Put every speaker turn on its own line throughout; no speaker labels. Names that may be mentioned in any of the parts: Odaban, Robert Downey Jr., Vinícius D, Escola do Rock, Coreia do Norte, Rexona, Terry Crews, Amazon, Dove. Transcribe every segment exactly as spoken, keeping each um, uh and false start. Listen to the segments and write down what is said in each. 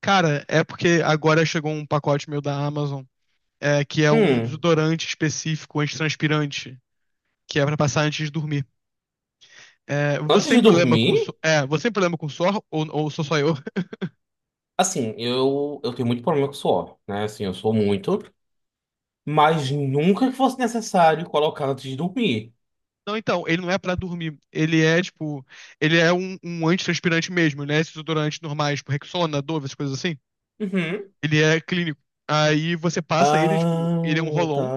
Cara, é porque agora chegou um pacote meu da Amazon, é, que é um
Hum,
desodorante específico antitranspirante, que é pra passar antes de dormir. É, você
antes de
tem problema com su-
dormir,
é, você tem problema com suor ou, ou sou só eu?
assim, eu, eu tenho muito problema com suor, né? Assim, eu sou muito, mas nunca que fosse necessário colocar antes de dormir.
Não, então, ele não é pra dormir. Ele é tipo, ele é um, um antitranspirante mesmo, né? Esses desodorantes normais, tipo Rexona, Dove, essas coisas assim.
Uhum.
Ele é clínico. Aí você passa ele, tipo, ele é um
Ah,
roll-on
tá.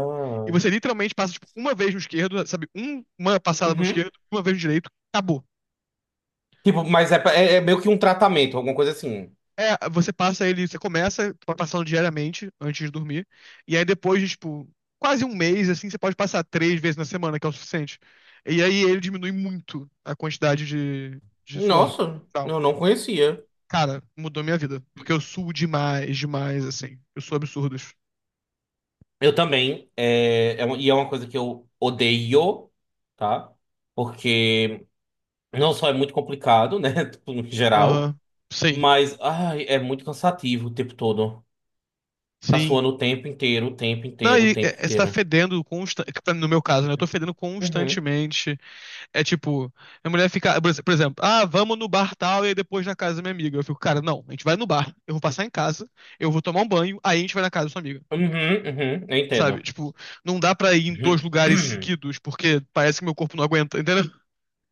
e você literalmente passa tipo uma vez no esquerdo, sabe? Um- uma passada no
Uhum.
esquerdo, uma vez no direito, acabou.
Tipo, mas é, pra- é, é meio que um tratamento, alguma coisa assim.
É, você passa ele, você começa passando diariamente antes de dormir, e aí depois de, tipo, quase um mês, assim, você pode passar três vezes na semana, que é o suficiente. E aí ele diminui muito a quantidade de, de suor.
Nossa,
Tal.
eu não conhecia.
Cara, mudou minha vida, porque eu suo demais, demais, assim. Eu sou absurdos.
Eu também, é, é uma- e é uma coisa que eu odeio, tá? Porque não só é muito complicado, né? Tipo, no geral,
Aham, Sim,
mas ai, é muito cansativo o tempo todo. Tá
sim.
suando o tempo inteiro, o tempo
Não,
inteiro,
e
o tempo
é, é, você tá
inteiro.
fedendo constantemente, no meu caso, né? Eu tô fedendo
Uhum,
constantemente. É tipo, minha mulher fica, por ex- por exemplo, ah, vamos no bar tal e aí depois na casa da minha amiga. Eu fico, cara, não, a gente vai no bar, eu vou passar em casa, eu vou tomar um banho, aí a gente vai na casa da sua amiga.
uhum, uhum, eu
Sabe?
entendo.
Tipo, não dá pra ir em dois
Uhum.
lugares seguidos, porque parece que meu corpo não aguenta, entendeu?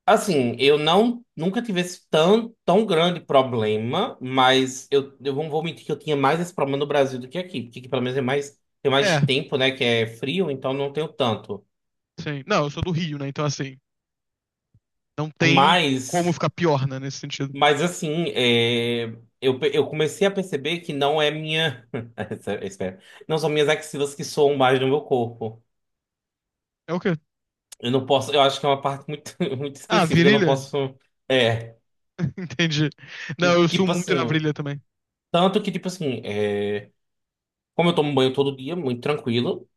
Assim, eu não nunca tive esse tão, tão grande problema, mas eu, eu não vou mentir que eu tinha mais esse problema no Brasil do que aqui, porque aqui pelo menos é mais, tem mais
É,
tempo, né, que é frio, então não tenho tanto.
sim. Não, eu sou do Rio, né? Então, assim, não tem como
Mas,
ficar pior, né, nesse sentido.
mas assim, é, eu, pe- eu comecei a perceber que não é minha, espera, não são minhas axilas que soam mais no meu corpo.
É o quê?
Eu não posso, eu acho que é uma parte muito, muito
Ah,
específica, eu não
virilha?
posso. É,
Entendi. Não, eu sou
tipo
muito na
assim,
virilha também.
tanto que, tipo assim, é, como eu tomo banho todo dia, muito tranquilo,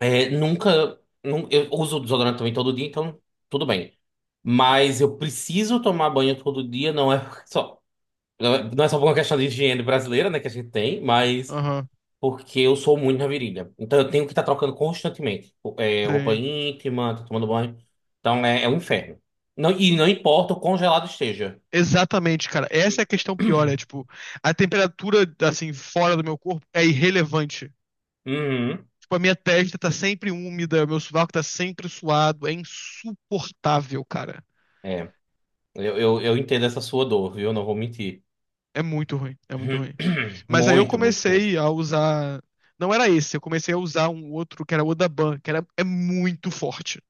é, nunca, nun- eu uso desodorante também todo dia, então tudo bem. Mas eu preciso tomar banho todo dia, não é só, não é não é só por uma questão de higiene brasileira, né, que a gente tem, mas
Aham,
porque eu sou muito na virilha. Então eu tenho que estar trocando constantemente. É, roupa
sim.
íntima, tô tomando banho. Então é, é um inferno. Não, e não importa o congelado esteja.
Exatamente, cara. Essa é a questão pior, é tipo, a temperatura, assim, fora do meu corpo é irrelevante.
Uhum.
Tipo, a minha testa tá sempre úmida, meu sovaco tá sempre suado, é insuportável, cara.
É, eu, eu, eu entendo essa sua dor, viu? Não vou mentir.
É muito ruim, é muito ruim. Mas aí eu
Muito, muito, muito.
comecei a usar, não era esse, eu comecei a usar um outro que era o Odaban, que era é muito forte.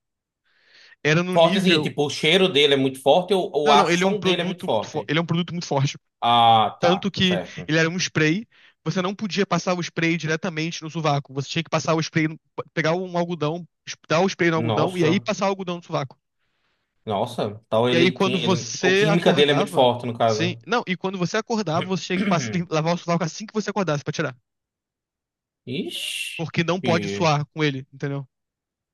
Era no
Forte assim,
nível,
tipo, o cheiro dele é muito forte ou, ou
não,
a
não, ele é um
ação dele é muito
produto muito forte,
forte?
ele é um produto muito forte.
Ah, tá,
Tanto que
certo.
ele era um spray, você não podia passar o spray diretamente no sovaco. Você tinha que passar o spray, no- pegar um algodão, dar o spray no algodão e aí
Nossa,
passar o algodão no sovaco.
nossa. Então
E aí
ele tinha.
quando
Ele, o
você
química dele é muito
acordava,
forte, no
sim,
caso.
não, e quando você acordava, você tinha que passar, lavar o sovaco assim que você acordasse pra tirar,
Ixi.
porque não pode suar com ele, entendeu?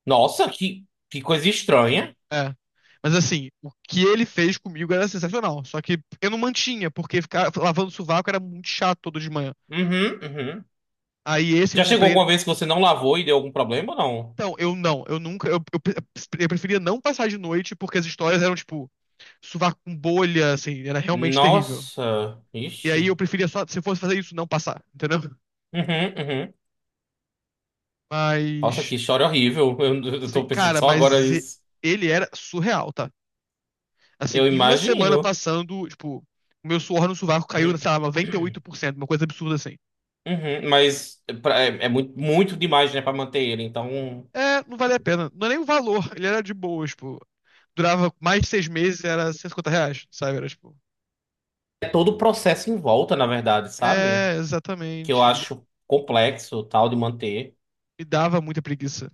Nossa, que, que coisa estranha.
É. Mas assim, o que ele fez comigo era sensacional. Só que eu não mantinha, porque ficar lavando o sovaco era muito chato todo de manhã.
Uhum, uhum.
Aí esse que eu
Já chegou
comprei,
alguma vez que você não lavou e deu algum problema ou não?
Então, eu não, eu nunca, eu, eu, pre- eu preferia não passar de noite porque as histórias eram, tipo, sovaco com bolha, assim, era realmente terrível.
Nossa,
E
ixi.
aí eu preferia só, se eu fosse fazer isso, não passar, entendeu?
Uhum, uhum. Nossa,
Mas,
que história horrível. Eu, eu
se-
tô pensando
cara,
só agora
mas e-
isso.
ele era surreal, tá? Assim,
Eu
em uma semana
imagino.
passando, tipo, o meu suor no sovaco caiu,
Uhum,
sei lá, noventa e oito por cento, uma coisa absurda assim.
uhum. Mas pra- é, é muito, muito demais, né, pra manter ele. Então,
É, não vale a pena, não é nem o valor, ele era de boa, tipo, durava mais de seis meses, era cento e cinquenta reais, sabe? Era, tipo,
é todo o processo em volta, na verdade, sabe?
é,
Que eu
exatamente, me
acho complexo, tal, de manter.
dava muita preguiça.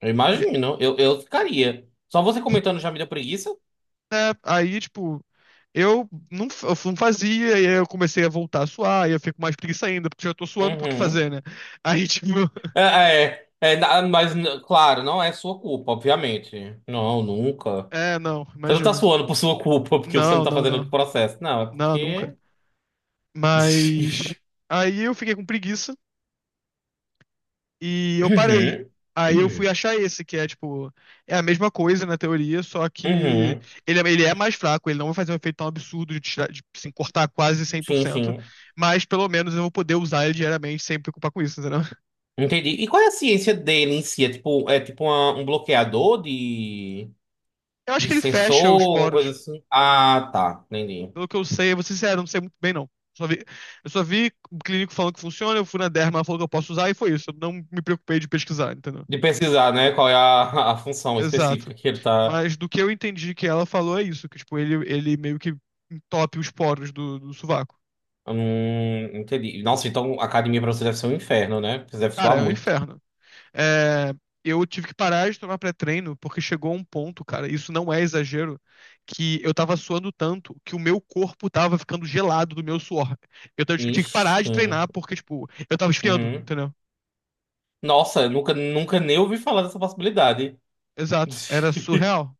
Eu
E,
imagino. Eu, eu ficaria. Só você comentando já me deu preguiça?
né, aí, tipo, eu não, f- eu não fazia, e aí eu comecei a voltar a suar, e eu fico mais preguiça ainda, porque eu já tô suando, por que
Uhum.
fazer, né? Aí, tipo,
É, é, é, na- mas, n- Claro, não é sua culpa, obviamente. Não, nunca.
é, não,
Você não tá
imagina.
suando por sua culpa, porque você não
Não,
tá
não,
fazendo o
não.
processo. Não, é
Não, nunca.
porque.
Mas aí eu fiquei com preguiça e eu parei.
Uhum.
Aí eu fui achar esse, que é tipo, é a mesma coisa na teoria, só que
Uhum.
ele, é- ele é mais fraco, ele não vai fazer um efeito tão absurdo de, tirar, de assim, cortar quase cem por
Sim,
cento
sim.
mas pelo menos eu vou poder usar ele diariamente sem me preocupar com isso.
Entendi. E qual é a ciência dele em si? É tipo, é tipo uma- um bloqueador de,
Eu acho
de
que ele
sensor,
fecha os
alguma coisa
poros.
assim? Ah, tá. Entendi.
Pelo que eu sei, eu vou ser sincero, eu não sei muito bem, não. Só vi, eu só vi o clínico falando que funciona, eu fui na derma, ela falou que eu posso usar e foi isso. Eu não me preocupei de pesquisar, entendeu?
De pesquisar, né? Qual é a, a função
Exato.
específica que ele tá.
Mas do que eu entendi que ela falou é isso, que tipo, ele, ele meio que entope os poros do, do sovaco.
Hum, entendi. Nossa, então a academia pra você deve ser um inferno, né? Porque Você deve
Cara,
suar
é um
muito.
inferno. É, eu tive que parar de tomar pré-treino porque chegou um ponto, cara, isso não é exagero, que eu tava suando tanto que o meu corpo tava ficando gelado do meu suor. Eu, t- eu tinha que parar de
Ixi.
treinar porque, tipo, eu tava esfriando,
Uhum.
entendeu?
Nossa, eu nunca, nunca nem ouvi falar dessa possibilidade.
Exato, era surreal.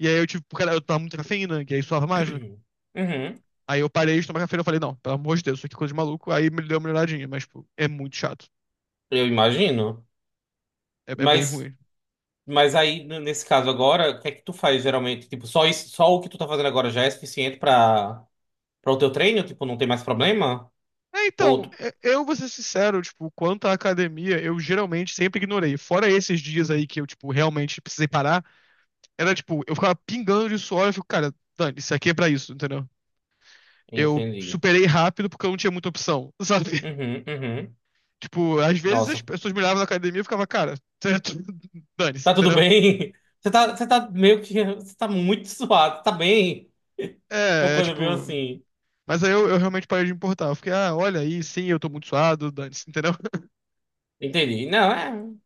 E aí eu tive, porque eu tomava muita cafeína, e aí suava mais, né?
Uhum.
Aí eu parei de tomar cafeína, e falei, não, pelo amor de Deus, isso aqui é coisa de maluco. Aí me deu uma melhoradinha, mas, tipo, é muito chato.
Eu imagino.
É, é bem
Mas,
ruim.
mas aí, n- nesse caso agora, o que é que tu faz geralmente? Tipo, só isso, só o que tu tá fazendo agora já é suficiente pra, para o teu treino? Tipo, não tem mais problema?
É,
Ou
então,
tu.
é- eu vou ser sincero, tipo, quanto à academia, eu geralmente sempre ignorei. Fora esses dias aí que eu, tipo, realmente precisei parar, era tipo, eu ficava pingando de suor, eu fico, cara, Dani, isso aqui é pra isso, entendeu? Eu
Entendi.
superei rápido porque eu não tinha muita opção, sabe?
Uhum, uhum.
Tipo, às vezes as
Nossa,
pessoas me olhavam na academia e eu ficava, cara, dane-se,
tá tudo
entendeu?
bem? Você tá, você tá meio que. Você tá muito suado, tá bem? Uma
É, é
coisa meio
tipo.
assim.
Mas aí eu, eu realmente parei de me importar. Eu fiquei, ah, olha aí, sim, eu tô muito suado, dane-se, entendeu?
Entendi. Não, é.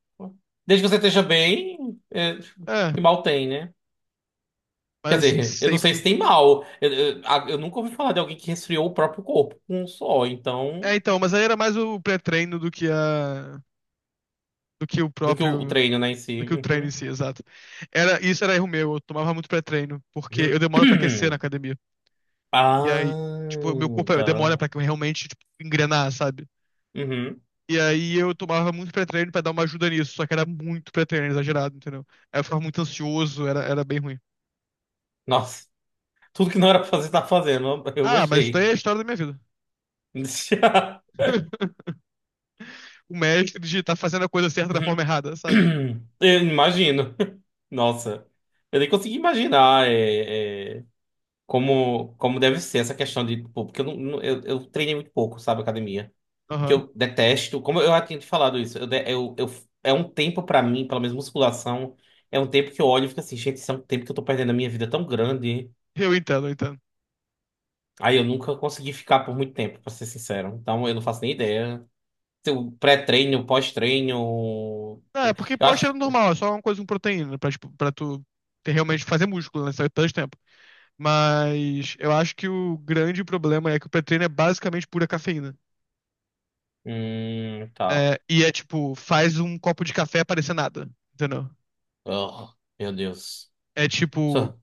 Desde que você esteja bem, é,
É,
que mal tem, né?
mas
Quer
assim,
dizer, eu não
sempre
sei se
me.
tem mal. Eu, eu, a- eu nunca ouvi falar de alguém que resfriou o próprio corpo com um só,
É,
então.
então, mas aí era mais o pré-treino do que a do que o
Do que o, o
próprio,
treino, né, em
do
si.
que o treino em
Uhum.
si, exato. Era, isso era erro meu, eu tomava muito pré-treino, porque eu demoro pra aquecer na academia. E aí, tipo, meu
Ah,
corpo demora
tá.
pra que eu realmente, tipo, engrenar, sabe?
Uhum.
E aí eu tomava muito pré-treino pra dar uma ajuda nisso, só que era muito pré-treino, exagerado, entendeu? Aí eu ficava muito ansioso, era, era bem ruim.
Nossa, tudo que não era pra fazer, tá fazendo. Eu
Ah, mas isso daí
gostei.
é a história da minha vida. O mestre de tá fazendo a coisa certa da forma errada, sabe?
Eu imagino. Nossa, eu nem consigo imaginar é, é, como, como deve ser essa questão de, tipo, porque eu, não, não- eu, eu treinei muito pouco, sabe, academia. Que
Aham.
eu detesto, como eu já tinha te falado isso, eu, de- eu, eu- é um tempo pra mim, pelo menos musculação, é um tempo que eu olho e fico assim, gente, isso é um tempo que eu tô perdendo a minha vida tão grande.
Eu entendo, eu entendo.
Aí eu nunca consegui ficar por muito tempo, pra ser sincero. Então eu não faço nem ideia. Se o pré-treino, pós-treino.
Ah, é porque
Eu acho
pós-treino
que.
normal, é só uma coisa com proteína, pra, tipo, pra tu ter- realmente fazer músculo, né? Só que tanto tempo. Mas eu acho que o grande problema é que o pré-treino é basicamente pura cafeína.
Hum, tá.
É, e é tipo, faz um copo de café parecer nada, entendeu?
Oh, meu Deus.
É tipo,
Só.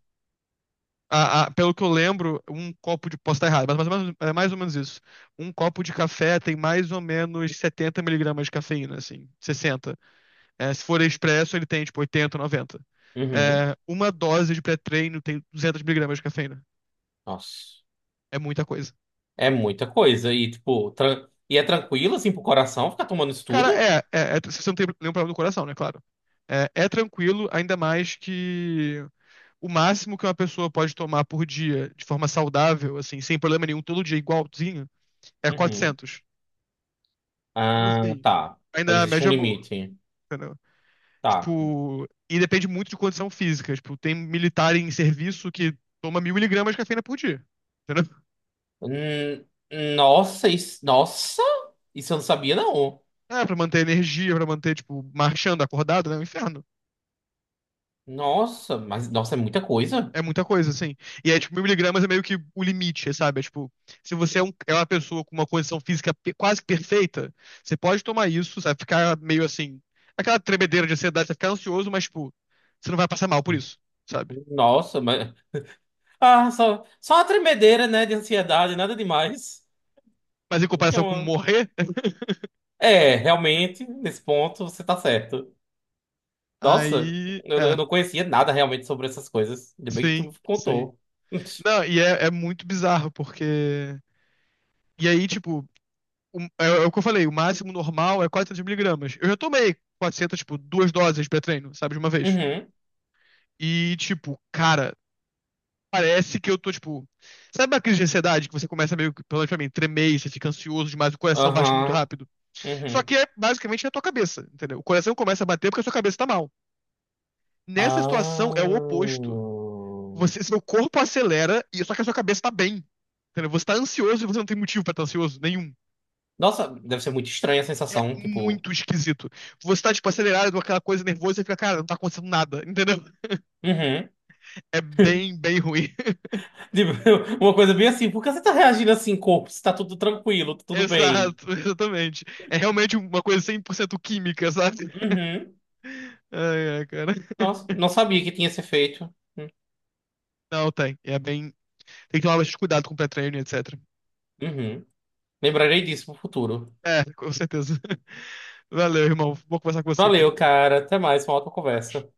a- a- pelo que eu lembro, um copo de. Posso estar errado, mas mais ou menos, é mais ou menos isso. Um copo de café tem mais ou menos setenta miligramas de cafeína, assim, sessenta. É, se for expresso, ele tem tipo oitenta, noventa.
Uhum.
É, uma dose de pré-treino tem duzentos miligramas de cafeína.
Nossa.
É muita coisa.
É muita coisa. E, tipo, tran- e é tranquilo, assim, pro coração ficar tomando isso
Cara,
tudo?
é, é, é- se você não tem nenhum problema no coração, né? Claro. É, é tranquilo, ainda mais que o máximo que uma pessoa pode tomar por dia de forma saudável, assim, sem problema nenhum, todo dia igualzinho, é
Uhum.
quatrocentos. Então,
Ah,
assim,
tá.
ainda
Então
é a
existe
média
um
é boa,
limite.
entendeu?
Tá.
Tipo, e depende muito de condição física. Tipo, tem militar em serviço que toma mil miligramas de cafeína por dia, entendeu?
Hum, nossa, isso. Nossa! Isso eu não sabia, não.
É, pra manter energia, pra manter, tipo, marchando, acordado, né? É um inferno.
Nossa, mas. Nossa, é muita coisa.
É muita coisa, assim. E aí, tipo, mil miligramas é meio que o limite, sabe? É, tipo, se você é, um- é uma pessoa com uma condição física pe- quase perfeita, você pode tomar isso, sabe? Ficar meio assim. Aquela tremedeira de ansiedade, você ficar ansioso, mas, tipo, você não vai passar mal por isso, sabe?
Nossa, mas. Ah, só, só uma tremedeira, né, de ansiedade, nada demais.
Mas em
O que é
comparação com
uma.
morrer,
É, realmente, nesse ponto, você tá certo. Nossa,
aí.
eu,
É,
eu não conhecia nada realmente sobre essas coisas. Ainda bem que tu
sim,
me
sim.
contou.
Não, e é, é muito bizarro, porque. E aí, tipo, o- é, é o que eu falei, o máximo normal é quatrocentos miligramas. Eu já tomei quatrocentos, tipo, duas doses pré-treino, sabe? De uma vez.
Uhum,
E, tipo, cara, parece que eu tô, tipo. Sabe a crise de ansiedade que você começa meio que, pelo menos pra mim, tremer, e você fica ansioso demais, o coração bate muito
aham,
rápido? Só
uhum.
que é basicamente na tua cabeça, entendeu? O coração começa a bater porque a sua cabeça tá mal. Nessa situação
Ah.
é o oposto. Você, seu corpo acelera, e só que a sua cabeça tá bem. Entendeu? Você tá ansioso e você não tem motivo pra estar ansioso nenhum.
Nossa, deve ser muito estranha a
É
sensação, tipo.
muito esquisito. Você tá, tipo, acelerado, aquela coisa nervosa e fica, cara, não tá acontecendo nada, entendeu?
Uhum.
É bem, bem ruim.
Tipo, uma coisa bem assim, por que você tá reagindo assim, corpo? Se tá tudo tranquilo, tá tudo bem.
Exato, exatamente. É realmente uma coisa cem por cento química, sabe?
Uhum.
Ai, ai, cara.
Nossa, não sabia que tinha esse efeito.
Não, tem. É bem. Tem que tomar bastante cuidado com o pré-treino, etcétera.
Uhum. Lembrarei disso pro futuro.
É, com certeza. Valeu, irmão. Vou conversar com você,
Valeu,
cara.
cara. Até mais, uma ótima conversa.